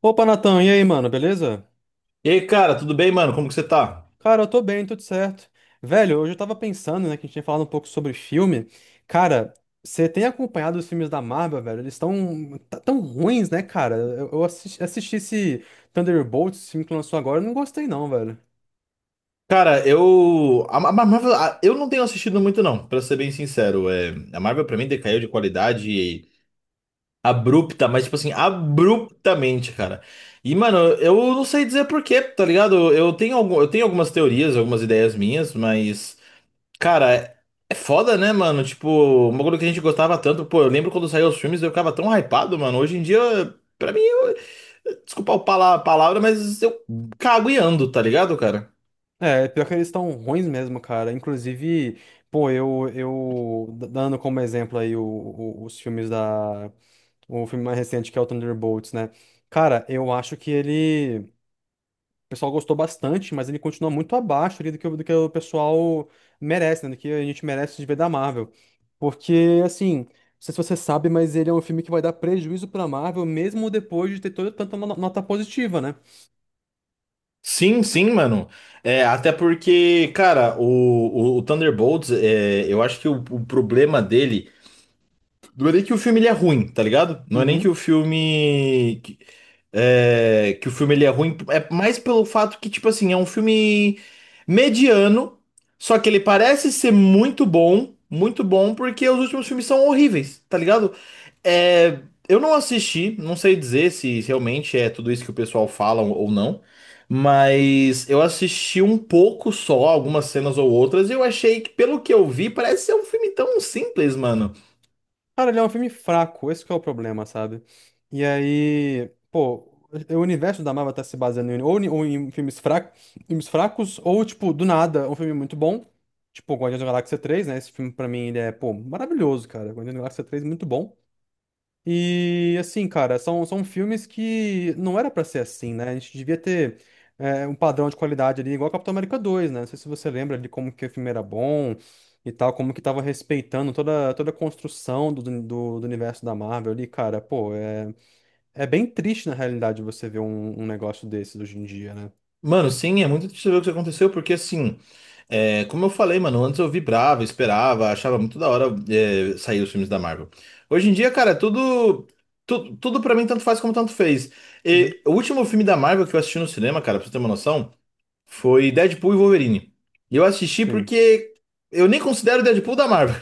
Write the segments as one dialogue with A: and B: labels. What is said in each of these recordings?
A: Opa, Natan, e aí, mano, beleza?
B: E aí, cara, tudo bem, mano? Como que você tá?
A: Cara, eu tô bem, tudo certo. Velho, hoje eu tava pensando, né, que a gente tinha falado um pouco sobre filme. Cara, você tem acompanhado os filmes da Marvel, velho? Eles estão tão ruins, né, cara? Eu assisti, assisti esse Thunderbolts, esse filme que lançou agora, eu não gostei não, velho.
B: A Marvel. Eu não tenho assistido muito, não, pra ser bem sincero. A Marvel, pra mim, decaiu de qualidade abrupta, mas, tipo assim, abruptamente, cara. E, mano, eu não sei dizer por quê, tá ligado? Eu tenho algumas teorias, algumas ideias minhas, mas. Cara, é, é foda, né, mano? Tipo, uma coisa que a gente gostava tanto. Pô, eu lembro quando saiu os filmes, eu ficava tão hypado, mano. Hoje em dia, pra mim, desculpa o pala- palavra, mas eu cago e ando, tá ligado, cara?
A: É, pior que eles estão ruins mesmo, cara. Inclusive, pô, eu, dando como exemplo aí os filmes da... O filme mais recente que é o Thunderbolts, né? Cara, eu acho que ele. O pessoal gostou bastante, mas ele continua muito abaixo ali do que, do que o pessoal merece, né? Do que a gente merece de ver da Marvel. Porque, assim, não sei se você sabe, mas ele é um filme que vai dar prejuízo pra Marvel, mesmo depois de ter toda tanta nota positiva, né?
B: Sim, sim, mano. É, até porque, cara, o Thunderbolts, é, eu acho que o problema dele não é nem que o filme ele é ruim, tá ligado? Não é nem que o
A: Uhum.
B: filme. Que o filme ele é ruim, é mais pelo fato que, tipo assim, é um filme mediano, só que ele parece ser muito bom, porque os últimos filmes são horríveis, tá ligado? É, eu não assisti, não sei dizer se realmente é tudo isso que o pessoal fala ou não, mas eu assisti um pouco só, algumas cenas ou outras, e eu achei que, pelo que eu vi, parece ser um filme tão simples, mano.
A: Cara, ele é um filme fraco, esse que é o problema, sabe? E aí, pô, o universo da Marvel tá se baseando em, ou, em, ou em filmes fracos, ou, tipo, do nada, um filme muito bom. Tipo, Guardiões da Galáxia 3, né? Esse filme, pra mim, ele é, pô, maravilhoso, cara. Guardiões da Galáxia 3, muito bom. E assim, cara, são, são filmes que não era pra ser assim, né? A gente devia ter é, um padrão de qualidade ali, igual Capitão América dois né? Não sei se você lembra ali como que o filme era bom e tal, como que tava respeitando toda, toda a construção do universo da Marvel ali, cara. Pô, é, é bem triste na realidade você ver um, um negócio desses hoje em dia, né?
B: Mano, sim, é muito triste ver o que aconteceu, porque assim, é, como eu falei, mano, antes eu vibrava, esperava, achava muito da hora, é, sair os filmes da Marvel. Hoje em dia, cara, tudo. Tudo, tudo pra mim tanto faz como tanto fez.
A: Uhum,
B: E o último filme da Marvel que eu assisti no cinema, cara, pra você ter uma noção. Foi Deadpool e Wolverine. E eu assisti
A: sim.
B: porque eu nem considero Deadpool da Marvel.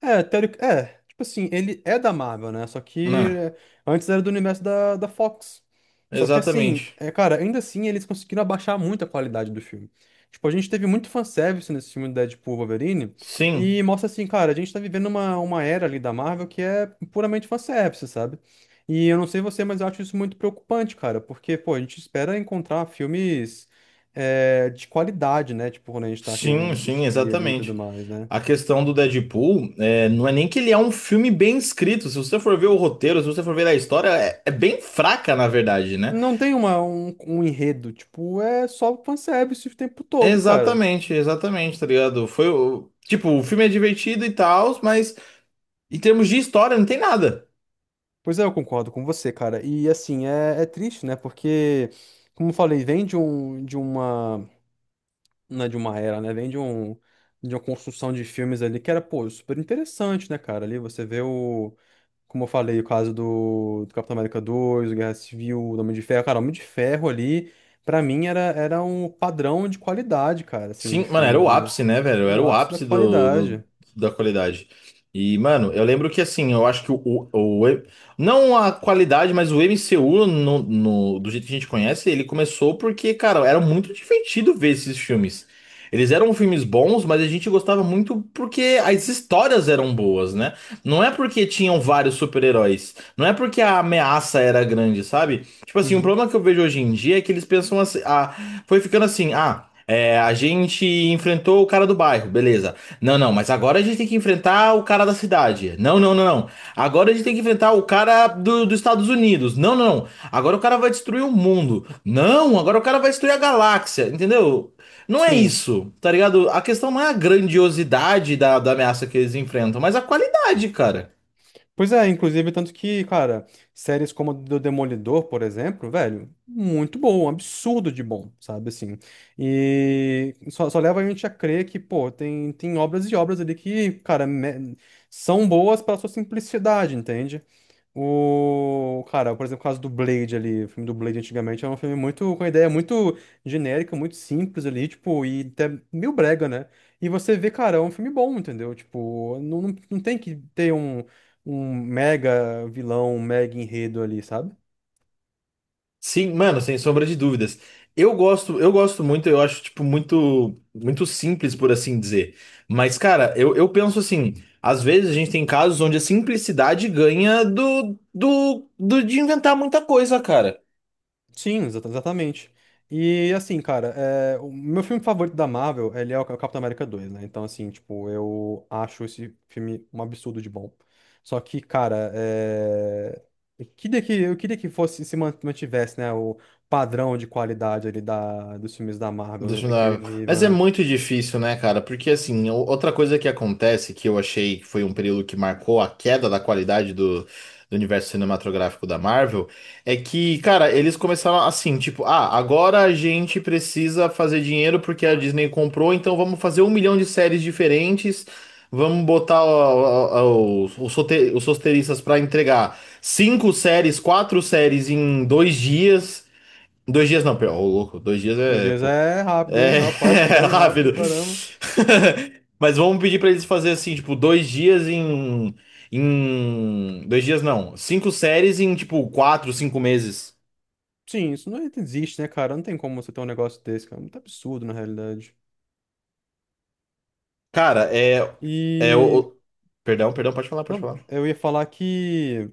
A: É, teoric... é, tipo assim, ele é da Marvel, né? Só que
B: Não,
A: é, antes era do universo da, da Fox. Só que assim,
B: exatamente.
A: é, cara, ainda assim eles conseguiram abaixar muito a qualidade do filme. Tipo, a gente teve muito fanservice nesse filme do Deadpool Wolverine e
B: Sim,
A: mostra assim, cara, a gente tá vivendo uma era ali da Marvel que é puramente fanservice, sabe? E eu não sei você, mas eu acho isso muito preocupante, cara, porque, pô, a gente espera encontrar filmes é, de qualidade, né? Tipo, quando a gente tá querendo
B: sim,
A: assistir ali e tudo
B: exatamente.
A: mais, né?
B: A questão do Deadpool é, não é nem que ele é um filme bem escrito. Se você for ver o roteiro, se você for ver a história, é, é bem fraca, na verdade, né?
A: Não tem uma, um enredo, tipo, é só fanservice o tempo todo, cara.
B: Exatamente, exatamente, tá ligado? Foi o. Tipo, o filme é divertido e tal, mas em termos de história não tem nada.
A: Pois é, eu concordo com você, cara. E assim, é, é triste, né? Porque, como eu falei, vem de um, de uma, não é de uma era, né? Vem de um, de uma construção de filmes ali que era, pô, super interessante, né, cara? Ali você vê o, como eu falei, o caso do, do Capitão América dois o Guerra Civil, o Homem de Ferro. Cara, o Homem de Ferro ali, pra mim, era, era um padrão de qualidade, cara, assim, de
B: Sim, mano, era
A: filmes,
B: o
A: né?
B: ápice, né, velho?
A: Era o
B: Era o
A: ápice da
B: ápice
A: qualidade.
B: do- da qualidade. E, mano, eu lembro que, assim, eu acho que o, o- não a qualidade, mas o MCU, do jeito que a gente conhece, ele começou porque, cara, era muito divertido ver esses filmes. Eles eram filmes bons, mas a gente gostava muito porque as histórias eram boas, né? Não é porque tinham vários super-heróis. Não é porque a ameaça era grande, sabe? Tipo assim, um
A: Uhum.
B: problema que eu vejo hoje em dia é que eles pensam assim, ah, foi ficando assim, ah. É, a gente enfrentou o cara do bairro, beleza. Não, não, mas agora a gente tem que enfrentar o cara da cidade. Não, não, não, não. Agora a gente tem que enfrentar o cara dos Estados Unidos. Não, não, não. Agora o cara vai destruir o mundo. Não, agora o cara vai destruir a galáxia, entendeu? Não é
A: Sim.
B: isso, tá ligado? A questão não é a grandiosidade da ameaça que eles enfrentam, mas a qualidade, cara.
A: Pois é, inclusive, tanto que, cara, séries como a do Demolidor, por exemplo, velho, muito bom, um absurdo de bom, sabe, assim. E só, só leva a gente a crer que, pô, tem, tem obras e obras ali que, cara, são boas pela sua simplicidade, entende? O. Cara, por exemplo, o caso do Blade ali. O filme do Blade antigamente era um filme muito. Com uma ideia muito genérica, muito simples ali, tipo, e até meio brega, né? E você vê, cara, é um filme bom, entendeu? Tipo, não tem que ter um, um mega vilão, um mega enredo ali, sabe?
B: Sim, mano, sem sombra de dúvidas. Eu gosto muito, eu acho, tipo, muito, muito simples, por assim dizer. Mas, cara, eu penso assim, às vezes a gente tem casos onde a simplicidade ganha do de inventar muita coisa, cara.
A: Sim, exatamente. E assim, cara, é, o meu filme favorito da Marvel, ele é o Capitão América dois né? Então, assim, tipo, eu acho esse filme um absurdo de bom. Só que, cara, é... eu queria que fosse, se man- mantivesse, né, o padrão de qualidade ali da, dos filmes da Marvel, né? Daquele
B: Questionável.
A: nível,
B: Mas é
A: né?
B: muito difícil, né, cara? Porque, assim, o- outra coisa que acontece, que eu achei que foi um período que marcou a queda da qualidade do universo cinematográfico da Marvel, é que, cara, eles começaram assim, tipo, ah, agora a gente precisa fazer dinheiro porque a Disney comprou, então vamos fazer um milhão de séries diferentes, vamos botar ó, os rote- os roteiristas pra entregar cinco séries, quatro séries em dois dias. Dois dias não, pera, ô louco, dois dias
A: Dois
B: é
A: dias
B: pouco.
A: é rápido, hein?
B: É,
A: Rapaz, que série rápida,
B: rápido.
A: caramba.
B: Mas vamos pedir pra eles fazer assim, tipo, dois dias em, em, dois dias não, cinco séries em tipo quatro, cinco meses.
A: Sim, isso não existe, né, cara? Não tem como você ter um negócio desse, cara. É muito absurdo, na realidade.
B: Cara, é, é
A: E
B: perdão, perdão, pode falar, pode
A: não,
B: falar.
A: eu ia falar que.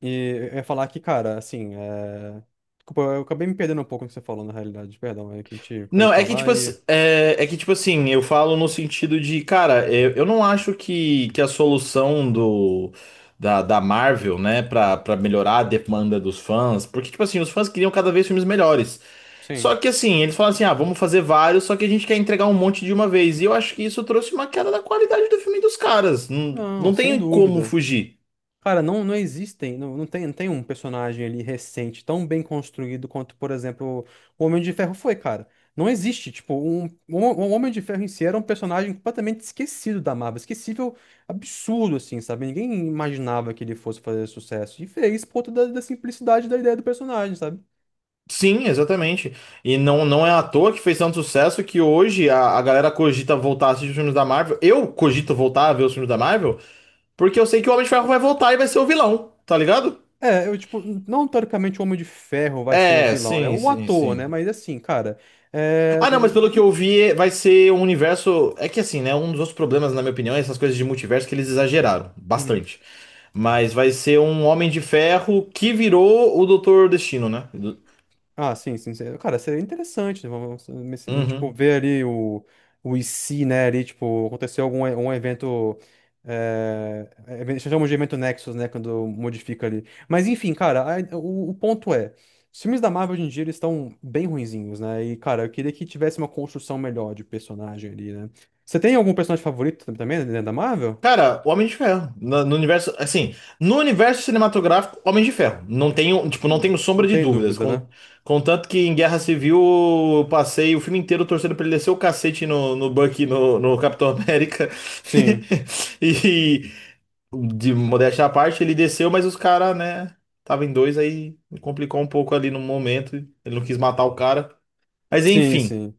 A: Eu ia falar que, cara, assim. É... Desculpa, eu acabei me perdendo um pouco no que você falou, na realidade. Perdão, é que a gente foi
B: Não, é que tipo,
A: falar e.
B: ass- é, é que, tipo assim, eu falo no sentido de, cara, é, eu não acho que a solução da Marvel, né, pra melhorar a demanda dos fãs, porque, tipo assim, os fãs queriam cada vez filmes melhores. Só
A: Sim.
B: que assim, eles falam assim, ah, vamos fazer vários, só que a gente quer entregar um monte de uma vez. E eu acho que isso trouxe uma queda da qualidade do filme dos caras. Não,
A: Não,
B: não
A: sem
B: tem como
A: dúvida.
B: fugir.
A: Cara, não, não existem, não, não tem, não tem um personagem ali recente tão bem construído quanto, por exemplo, o Homem de Ferro foi, cara. Não existe, tipo, um, o Homem de Ferro em si era um personagem completamente esquecido da Marvel, esquecível, absurdo, assim, sabe? Ninguém imaginava que ele fosse fazer sucesso. E fez por conta da, da simplicidade da ideia do personagem, sabe?
B: Sim, exatamente. E não, não é à toa que fez tanto sucesso que hoje a galera cogita voltar a assistir os filmes da Marvel. Eu cogito voltar a ver os filmes da Marvel, porque eu sei que o Homem de Ferro vai voltar e vai ser o vilão, tá ligado?
A: É, eu, tipo, não teoricamente o Homem de Ferro vai ser o
B: É,
A: vilão, né?
B: sim,
A: O
B: sim,
A: ator, né?
B: sim.
A: Mas assim, cara, é...
B: Ah, não, mas pelo que eu vi, é, vai ser um universo. É que assim, né? Um dos outros problemas, na minha opinião, é essas coisas de multiverso que eles exageraram
A: Uhum.
B: bastante. Mas vai ser um Homem de Ferro que virou o Doutor Destino, né?
A: Ah, sim, sim, sim. Cara, seria interessante, né? Vamos, vamos, assim, tipo,
B: Uhum.
A: ver ali o IC, né? Ali, tipo, aconteceu algum um evento. É, chamamos de evento Nexus, né? Quando modifica ali. Mas enfim, cara, o ponto é: os filmes da Marvel hoje em dia eles estão bem ruinzinhos, né? E, cara, eu queria que tivesse uma construção melhor de personagem ali, né? Você tem algum personagem favorito também, né, da Marvel?
B: Cara, Homem de Ferro. No universo, assim, no universo cinematográfico, Homem de Ferro. Não tenho, tipo, não
A: Hum.
B: tenho
A: Não
B: sombra de
A: tem
B: dúvidas.
A: dúvida,
B: Con-
A: né?
B: Contanto que em Guerra Civil eu passei o filme inteiro torcendo pra ele descer o cacete no Bucky, no Capitão América.
A: Sim,
B: E, de modéstia à parte, ele desceu, mas os caras, né, tava em dois, aí complicou um pouco ali no momento. Ele não quis matar o cara. Mas
A: sim,
B: enfim.
A: sim.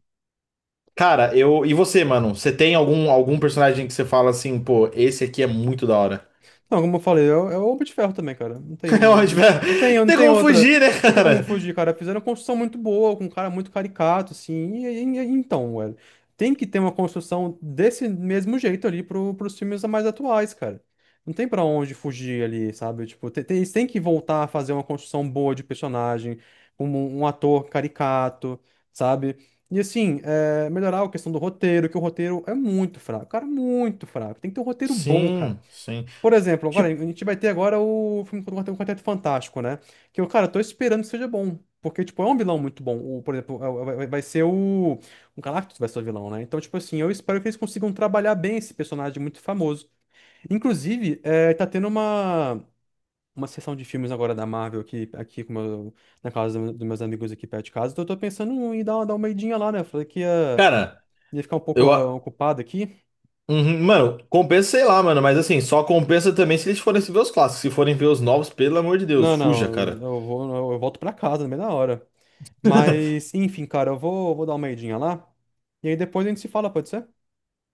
B: Cara, eu. E você, mano? Você tem algum, algum personagem que você fala assim, pô, esse aqui é muito da hora?
A: Não, como eu falei, é, o é o Homem de Ferro também, cara. Não tem
B: É
A: um,
B: ótimo,
A: não
B: é.
A: tem,
B: Não
A: não
B: tem
A: tem
B: como
A: outra,
B: fugir, né,
A: não tem como
B: cara?
A: fugir, cara. Fizeram uma construção muito boa, com um cara muito caricato, assim. Então, velho, tem que ter uma construção desse mesmo jeito ali pro, pros filmes mais atuais, cara. Não tem pra onde fugir ali, sabe? Tipo, tem, tem, eles têm que voltar a fazer uma construção boa de personagem, como um ator caricato, sabe? E assim, é, melhorar a questão do roteiro, que o roteiro é muito fraco, cara, muito fraco. Tem que ter um roteiro bom, cara.
B: Sim, sim.
A: Por exemplo, agora, a
B: Tipo,
A: gente vai ter agora o filme do Quarteto Fantástico, né? Que eu, cara, eu tô esperando que seja bom. Porque, tipo, é um vilão muito bom. O, por exemplo, é vai ser o Galactus vai ser o vilão, né? Então, tipo assim, eu espero que eles consigam trabalhar bem esse personagem muito famoso. Inclusive, é, tá tendo uma sessão de filmes agora da Marvel aqui, aqui com na casa dos meus amigos aqui perto de casa. Então, eu tô pensando em dar, dar uma idinha lá, né? Eu falei que ia,
B: cara,
A: ia ficar um pouco
B: eu.
A: ah,
B: A-
A: ocupado aqui.
B: Uhum, mano, compensa, sei lá, mano, mas assim, só compensa também se eles forem ver os clássicos. Se forem ver os novos, pelo amor de Deus,
A: Não,
B: fuja,
A: não,
B: cara.
A: eu vou, eu volto pra casa, no meio da hora. Mas, enfim, cara, eu vou, vou dar uma idinha lá. E aí depois a gente se fala, pode ser?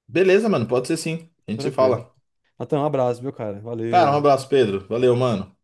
B: Beleza, mano, pode ser sim. A
A: Tô
B: gente se
A: tranquilo.
B: fala.
A: Natan, um abraço, viu, cara?
B: Cara, um
A: Valeu.
B: abraço, Pedro. Valeu, mano.